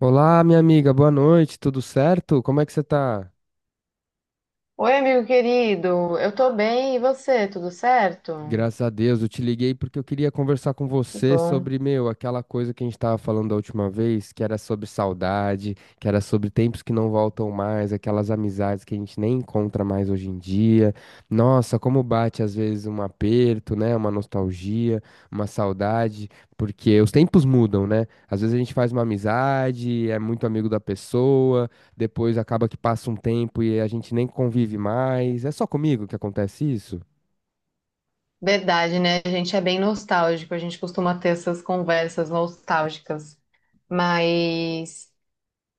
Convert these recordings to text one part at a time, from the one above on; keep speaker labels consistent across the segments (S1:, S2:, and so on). S1: Olá, minha amiga, boa noite, tudo certo? Como é que você tá?
S2: Oi, amigo querido, eu tô bem, e você, tudo certo?
S1: Graças a Deus, eu te liguei porque eu queria conversar com
S2: Que
S1: você
S2: bom.
S1: sobre, meu, aquela coisa que a gente tava falando da última vez, que era sobre saudade, que era sobre tempos que não voltam mais, aquelas amizades que a gente nem encontra mais hoje em dia. Nossa, como bate às vezes um aperto, né? Uma nostalgia, uma saudade, porque os tempos mudam, né? Às vezes a gente faz uma amizade, é muito amigo da pessoa, depois acaba que passa um tempo e a gente nem convive mais. É só comigo que acontece isso?
S2: Verdade, né? A gente é bem nostálgico, a gente costuma ter essas conversas nostálgicas. Mas,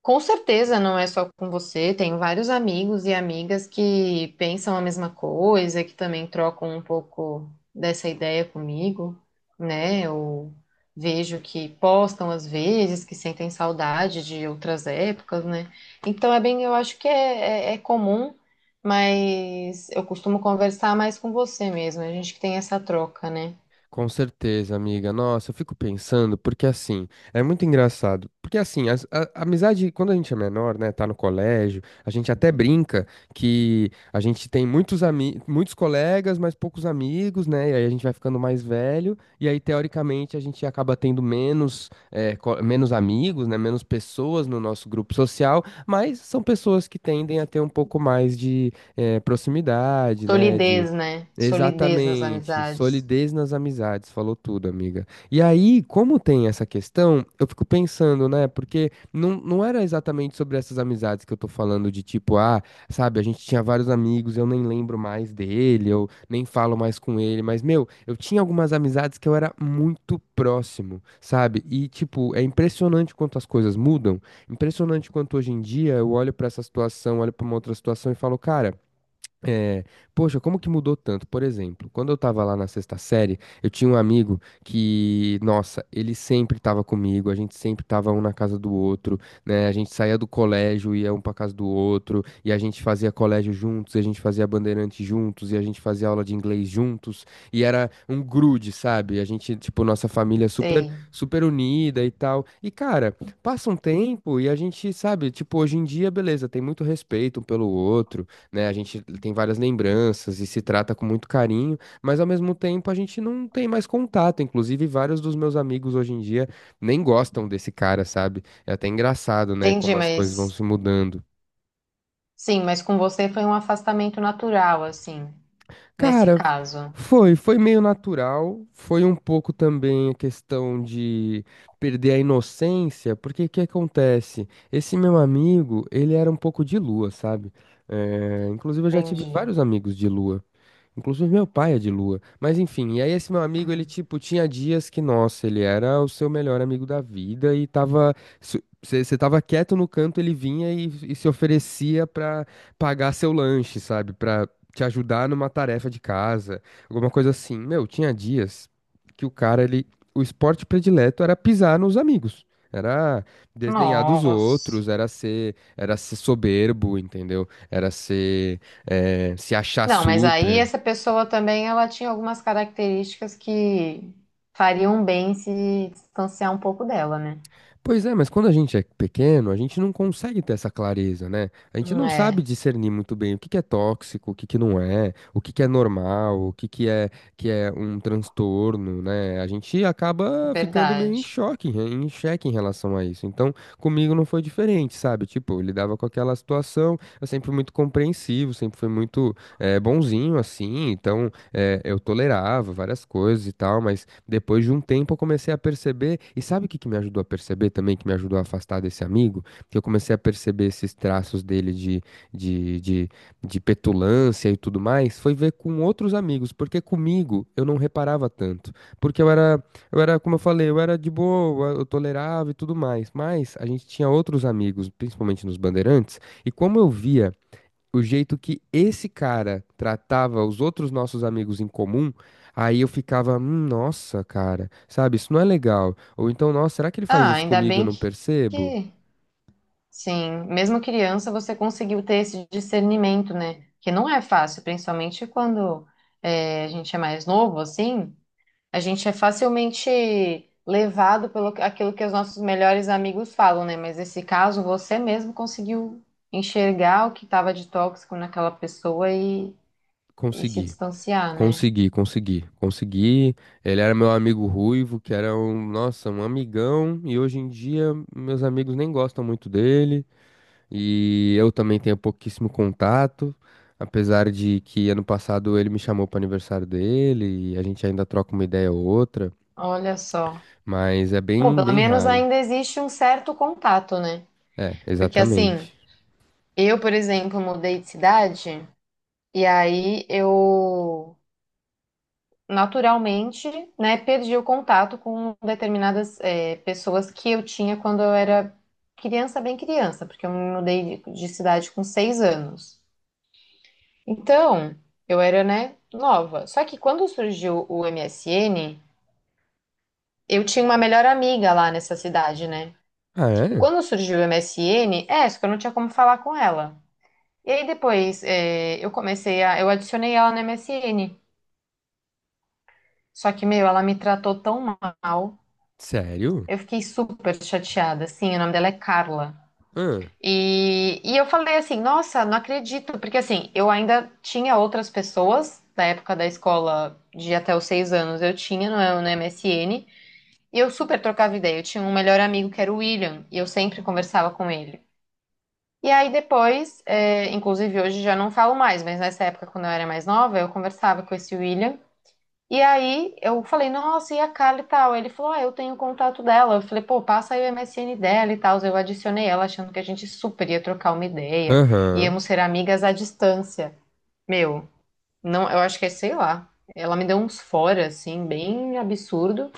S2: com certeza não é só com você, tenho vários amigos e amigas que pensam a mesma coisa, que também trocam um pouco dessa ideia comigo, né? Eu vejo que postam às vezes, que sentem saudade de outras épocas, né? Então é bem, eu acho que é comum, mas eu costumo conversar mais com você mesmo, a gente que tem essa troca, né?
S1: Com certeza, amiga. Nossa, eu fico pensando, porque assim, é muito engraçado. Porque assim, a amizade, quando a gente é menor, né, tá no colégio, a gente até brinca que a gente tem muitos amigos muitos colegas, mas poucos amigos, né? E aí a gente vai ficando mais velho, e aí, teoricamente, a gente acaba tendo menos, menos amigos, né? Menos pessoas no nosso grupo social, mas são pessoas que tendem a ter um pouco mais de, proximidade, né?
S2: Solidez, né? Solidez nas
S1: Exatamente,
S2: amizades.
S1: solidez nas amizades, falou tudo, amiga. E aí, como tem essa questão, eu fico pensando, né? Porque não era exatamente sobre essas amizades que eu tô falando, de tipo, ah, sabe, a gente tinha vários amigos, eu nem lembro mais dele, eu nem falo mais com ele, mas, meu, eu tinha algumas amizades que eu era muito próximo, sabe? E, tipo, é impressionante quanto as coisas mudam, impressionante quanto hoje em dia eu olho pra essa situação, olho pra uma outra situação e falo, cara. É, poxa, como que mudou tanto? Por exemplo, quando eu tava lá na sexta série, eu tinha um amigo que, nossa, ele sempre tava comigo, a gente sempre tava um na casa do outro, né? A gente saía do colégio, ia um pra casa do outro, e a gente fazia colégio juntos, e a gente fazia bandeirante juntos, e a gente fazia aula de inglês juntos, e era um grude, sabe? A gente, tipo, nossa família super,
S2: Sei.
S1: super unida e tal. E, cara, passa um tempo e a gente, sabe, tipo, hoje em dia, beleza, tem muito respeito um pelo outro, né? A gente tem várias lembranças e se trata com muito carinho, mas ao mesmo tempo a gente não tem mais contato. Inclusive, vários dos meus amigos hoje em dia nem gostam desse cara, sabe? É até engraçado, né?
S2: Entendi,
S1: Como as coisas vão
S2: mas.
S1: se mudando.
S2: Sim, mas com você foi um afastamento natural, assim, nesse
S1: Cara,
S2: caso.
S1: foi meio natural, foi um pouco também a questão de perder a inocência, porque o que acontece? Esse meu amigo, ele era um pouco de lua, sabe? É, inclusive, eu já tive
S2: Entendi.
S1: vários amigos de lua. Inclusive meu pai é de lua. Mas enfim, e aí esse meu amigo, ele
S2: Hum.
S1: tipo, tinha dias que, nossa, ele era o seu melhor amigo da vida e tava. Você tava quieto no canto, ele vinha e se oferecia pra pagar seu lanche, sabe? Pra te ajudar numa tarefa de casa, alguma coisa assim. Meu, tinha dias que o cara, ele. O esporte predileto era pisar nos amigos. Era desdenhar dos
S2: Nossa.
S1: outros, era ser soberbo, entendeu? Era ser, se achar
S2: Não, mas aí
S1: super.
S2: essa pessoa também, ela tinha algumas características que fariam bem se distanciar um pouco dela, né?
S1: Pois é, mas quando a gente é pequeno, a gente não consegue ter essa clareza, né? A gente não sabe
S2: É,
S1: discernir muito bem o que que é tóxico, o que que não é, o que que é normal, o que que é um transtorno, né? A gente acaba ficando meio em
S2: verdade.
S1: choque, em xeque em relação a isso. Então, comigo não foi diferente, sabe? Tipo, eu lidava com aquela situação, eu sempre fui muito compreensivo, sempre fui muito bonzinho assim, então eu tolerava várias coisas e tal, mas depois de um tempo eu comecei a perceber, e sabe o que que me ajudou a perceber também, que me ajudou a afastar desse amigo? Que eu comecei a perceber esses traços dele de, de, de petulância e tudo mais, foi ver com outros amigos, porque comigo eu não reparava tanto, porque eu era, como eu falei, eu era de boa, eu tolerava e tudo mais, mas a gente tinha outros amigos, principalmente nos Bandeirantes, e como eu via o jeito que esse cara tratava os outros nossos amigos em comum, aí eu ficava, nossa, cara, sabe, isso não é legal. Ou então, nossa, será que ele faz
S2: Ah,
S1: isso
S2: ainda
S1: comigo e eu
S2: bem que,
S1: não percebo?
S2: que, sim, mesmo criança você conseguiu ter esse discernimento, né? Que não é fácil, principalmente quando é, a gente é mais novo, assim. A gente é facilmente levado pelo aquilo que os nossos melhores amigos falam, né? Mas nesse caso, você mesmo conseguiu enxergar o que estava de tóxico naquela pessoa e se
S1: Consegui.
S2: distanciar, né?
S1: Consegui, consegui, consegui. Ele era meu amigo ruivo, que era um, nossa, um amigão, e hoje em dia meus amigos nem gostam muito dele, e eu também tenho pouquíssimo contato, apesar de que ano passado ele me chamou para aniversário dele, e a gente ainda troca uma ideia ou outra.
S2: Olha só.
S1: Mas é
S2: Bom,
S1: bem,
S2: pelo
S1: bem
S2: menos
S1: raro.
S2: ainda existe um certo contato, né?
S1: É,
S2: Porque assim,
S1: exatamente.
S2: eu, por exemplo, mudei de cidade e aí eu naturalmente, né, perdi o contato com determinadas pessoas que eu tinha quando eu era criança, bem criança, porque eu me mudei de cidade com 6 anos. Então, eu era, né, nova. Só que quando surgiu o MSN, eu tinha uma melhor amiga lá nessa cidade, né?
S1: Ah,
S2: E
S1: é?
S2: quando surgiu o MSN, só que eu não tinha como falar com ela. E aí depois, eu adicionei ela no MSN. Só que, meu, ela me tratou tão mal.
S1: Sério?
S2: Eu fiquei super chateada, assim, o nome dela é Carla.
S1: Ah.
S2: E eu falei assim, nossa, não acredito, porque assim, eu ainda tinha outras pessoas da época da escola de até os 6 anos, eu tinha no MSN, e eu super trocava ideia. Eu tinha um melhor amigo que era o William, e eu sempre conversava com ele. E aí depois, inclusive hoje já não falo mais, mas nessa época, quando eu era mais nova, eu conversava com esse William. E aí eu falei, nossa, e a Carla e tal? Ele falou, ah, eu tenho o contato dela. Eu falei, pô, passa aí o MSN dela e tal. Eu adicionei ela, achando que a gente super ia trocar uma ideia,
S1: Aham.
S2: íamos ser amigas à distância. Meu, não, eu acho que é, sei lá. Ela me deu uns fora, assim, bem absurdo,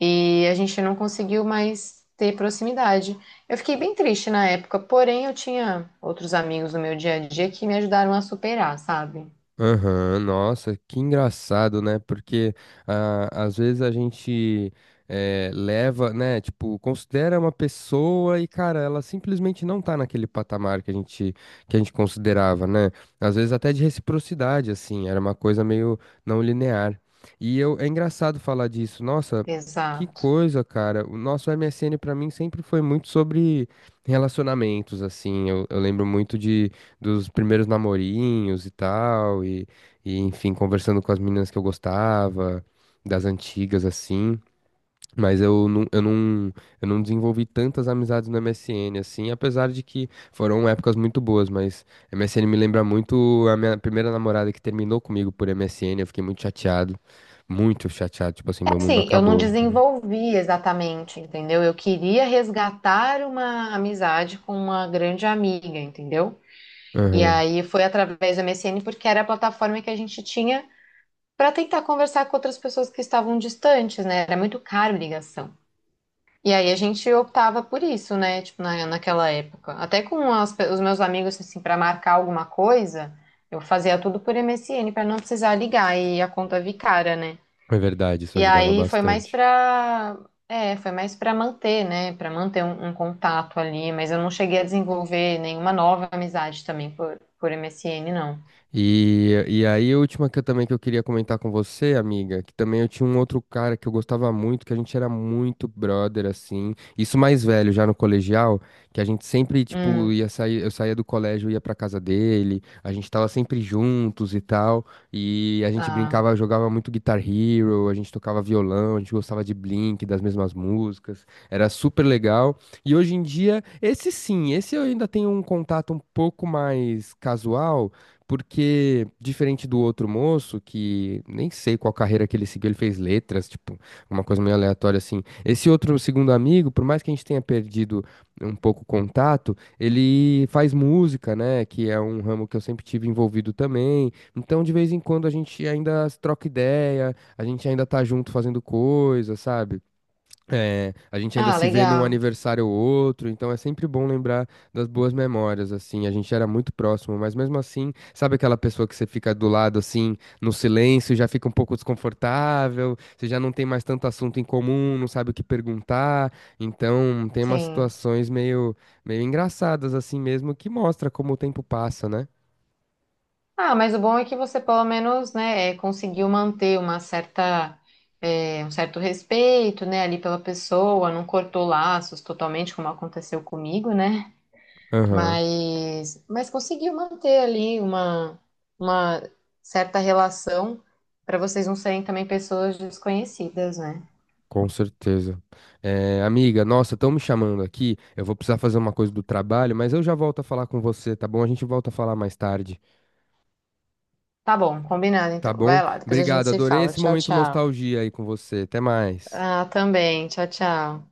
S2: e a gente não conseguiu mais ter proximidade. Eu fiquei bem triste na época, porém eu tinha outros amigos no meu dia a dia que me ajudaram a superar, sabe?
S1: Aham, nossa, que engraçado, né? Porque ah, às vezes a gente leva, né? Tipo, considera uma pessoa e, cara, ela simplesmente não tá naquele patamar que a gente considerava, né? Às vezes até de reciprocidade, assim, era uma coisa meio não linear. E eu, é engraçado falar disso, nossa, que
S2: Exato.
S1: coisa, cara. O nosso MSN pra mim sempre foi muito sobre relacionamentos, assim. Eu lembro muito dos primeiros namorinhos e tal, enfim, conversando com as meninas que eu gostava, das antigas assim. Mas eu não desenvolvi tantas amizades no MSN, assim, apesar de que foram épocas muito boas, mas MSN me lembra muito a minha primeira namorada que terminou comigo por MSN, eu fiquei muito chateado, tipo assim, meu mundo
S2: Assim, eu não
S1: acabou, entendeu?
S2: desenvolvi exatamente, entendeu? Eu queria resgatar uma amizade com uma grande amiga, entendeu? E
S1: Aham.
S2: aí foi através do MSN, porque era a plataforma que a gente tinha para tentar conversar com outras pessoas que estavam distantes, né? Era muito caro ligação. E aí a gente optava por isso, né? Tipo, naquela época. Até com os meus amigos, assim, para marcar alguma coisa, eu fazia tudo por MSN para não precisar ligar e a conta vir cara, né?
S1: É verdade, isso
S2: E
S1: ajudava
S2: aí foi mais
S1: bastante.
S2: pra. É, foi mais pra manter, né? Pra manter um contato ali, mas eu não cheguei a desenvolver nenhuma nova amizade também por MSN, não.
S1: E aí, a última que eu também que eu queria comentar com você, amiga, que também eu tinha um outro cara que eu gostava muito, que a gente era muito brother, assim. Isso mais velho, já no colegial, que a gente sempre, tipo,
S2: Hum,
S1: ia sair, eu saía do colégio, ia pra casa dele, a gente tava sempre juntos e tal. E a gente
S2: tá.
S1: brincava, jogava muito Guitar Hero, a gente tocava violão, a gente gostava de Blink, das mesmas músicas. Era super legal. E hoje em dia, esse sim, esse eu ainda tenho um contato um pouco mais casual. Porque, diferente do outro moço, que nem sei qual carreira que ele seguiu, ele fez letras, tipo, uma coisa meio aleatória assim. Esse outro segundo amigo, por mais que a gente tenha perdido um pouco o contato, ele faz música, né? Que é um ramo que eu sempre tive envolvido também. Então, de vez em quando, a gente ainda troca ideia, a gente ainda tá junto fazendo coisa, sabe? É, a gente ainda
S2: Ah,
S1: se vê num
S2: legal.
S1: aniversário ou outro, então é sempre bom lembrar das boas memórias, assim, a gente era muito próximo, mas mesmo assim, sabe aquela pessoa que você fica do lado, assim, no silêncio, já fica um pouco desconfortável, você já não tem mais tanto assunto em comum, não sabe o que perguntar, então tem umas
S2: Sim.
S1: situações meio, meio engraçadas, assim mesmo, que mostra como o tempo passa, né?
S2: Ah, mas o bom é que você pelo menos, né, conseguiu manter uma certa, um certo respeito, né, ali pela pessoa, não cortou laços totalmente, como aconteceu comigo, né?
S1: Aham.
S2: Mas conseguiu manter ali uma certa relação para vocês não serem também pessoas desconhecidas, né?
S1: Com certeza. Eh, amiga, nossa, estão me chamando aqui. Eu vou precisar fazer uma coisa do trabalho, mas eu já volto a falar com você, tá bom? A gente volta a falar mais tarde,
S2: Tá bom, combinado
S1: tá
S2: então.
S1: bom?
S2: Vai lá, depois a gente
S1: Obrigado,
S2: se
S1: adorei
S2: fala.
S1: esse
S2: Tchau,
S1: momento
S2: tchau.
S1: nostalgia aí com você. Até mais.
S2: Ah, também. Tchau, tchau.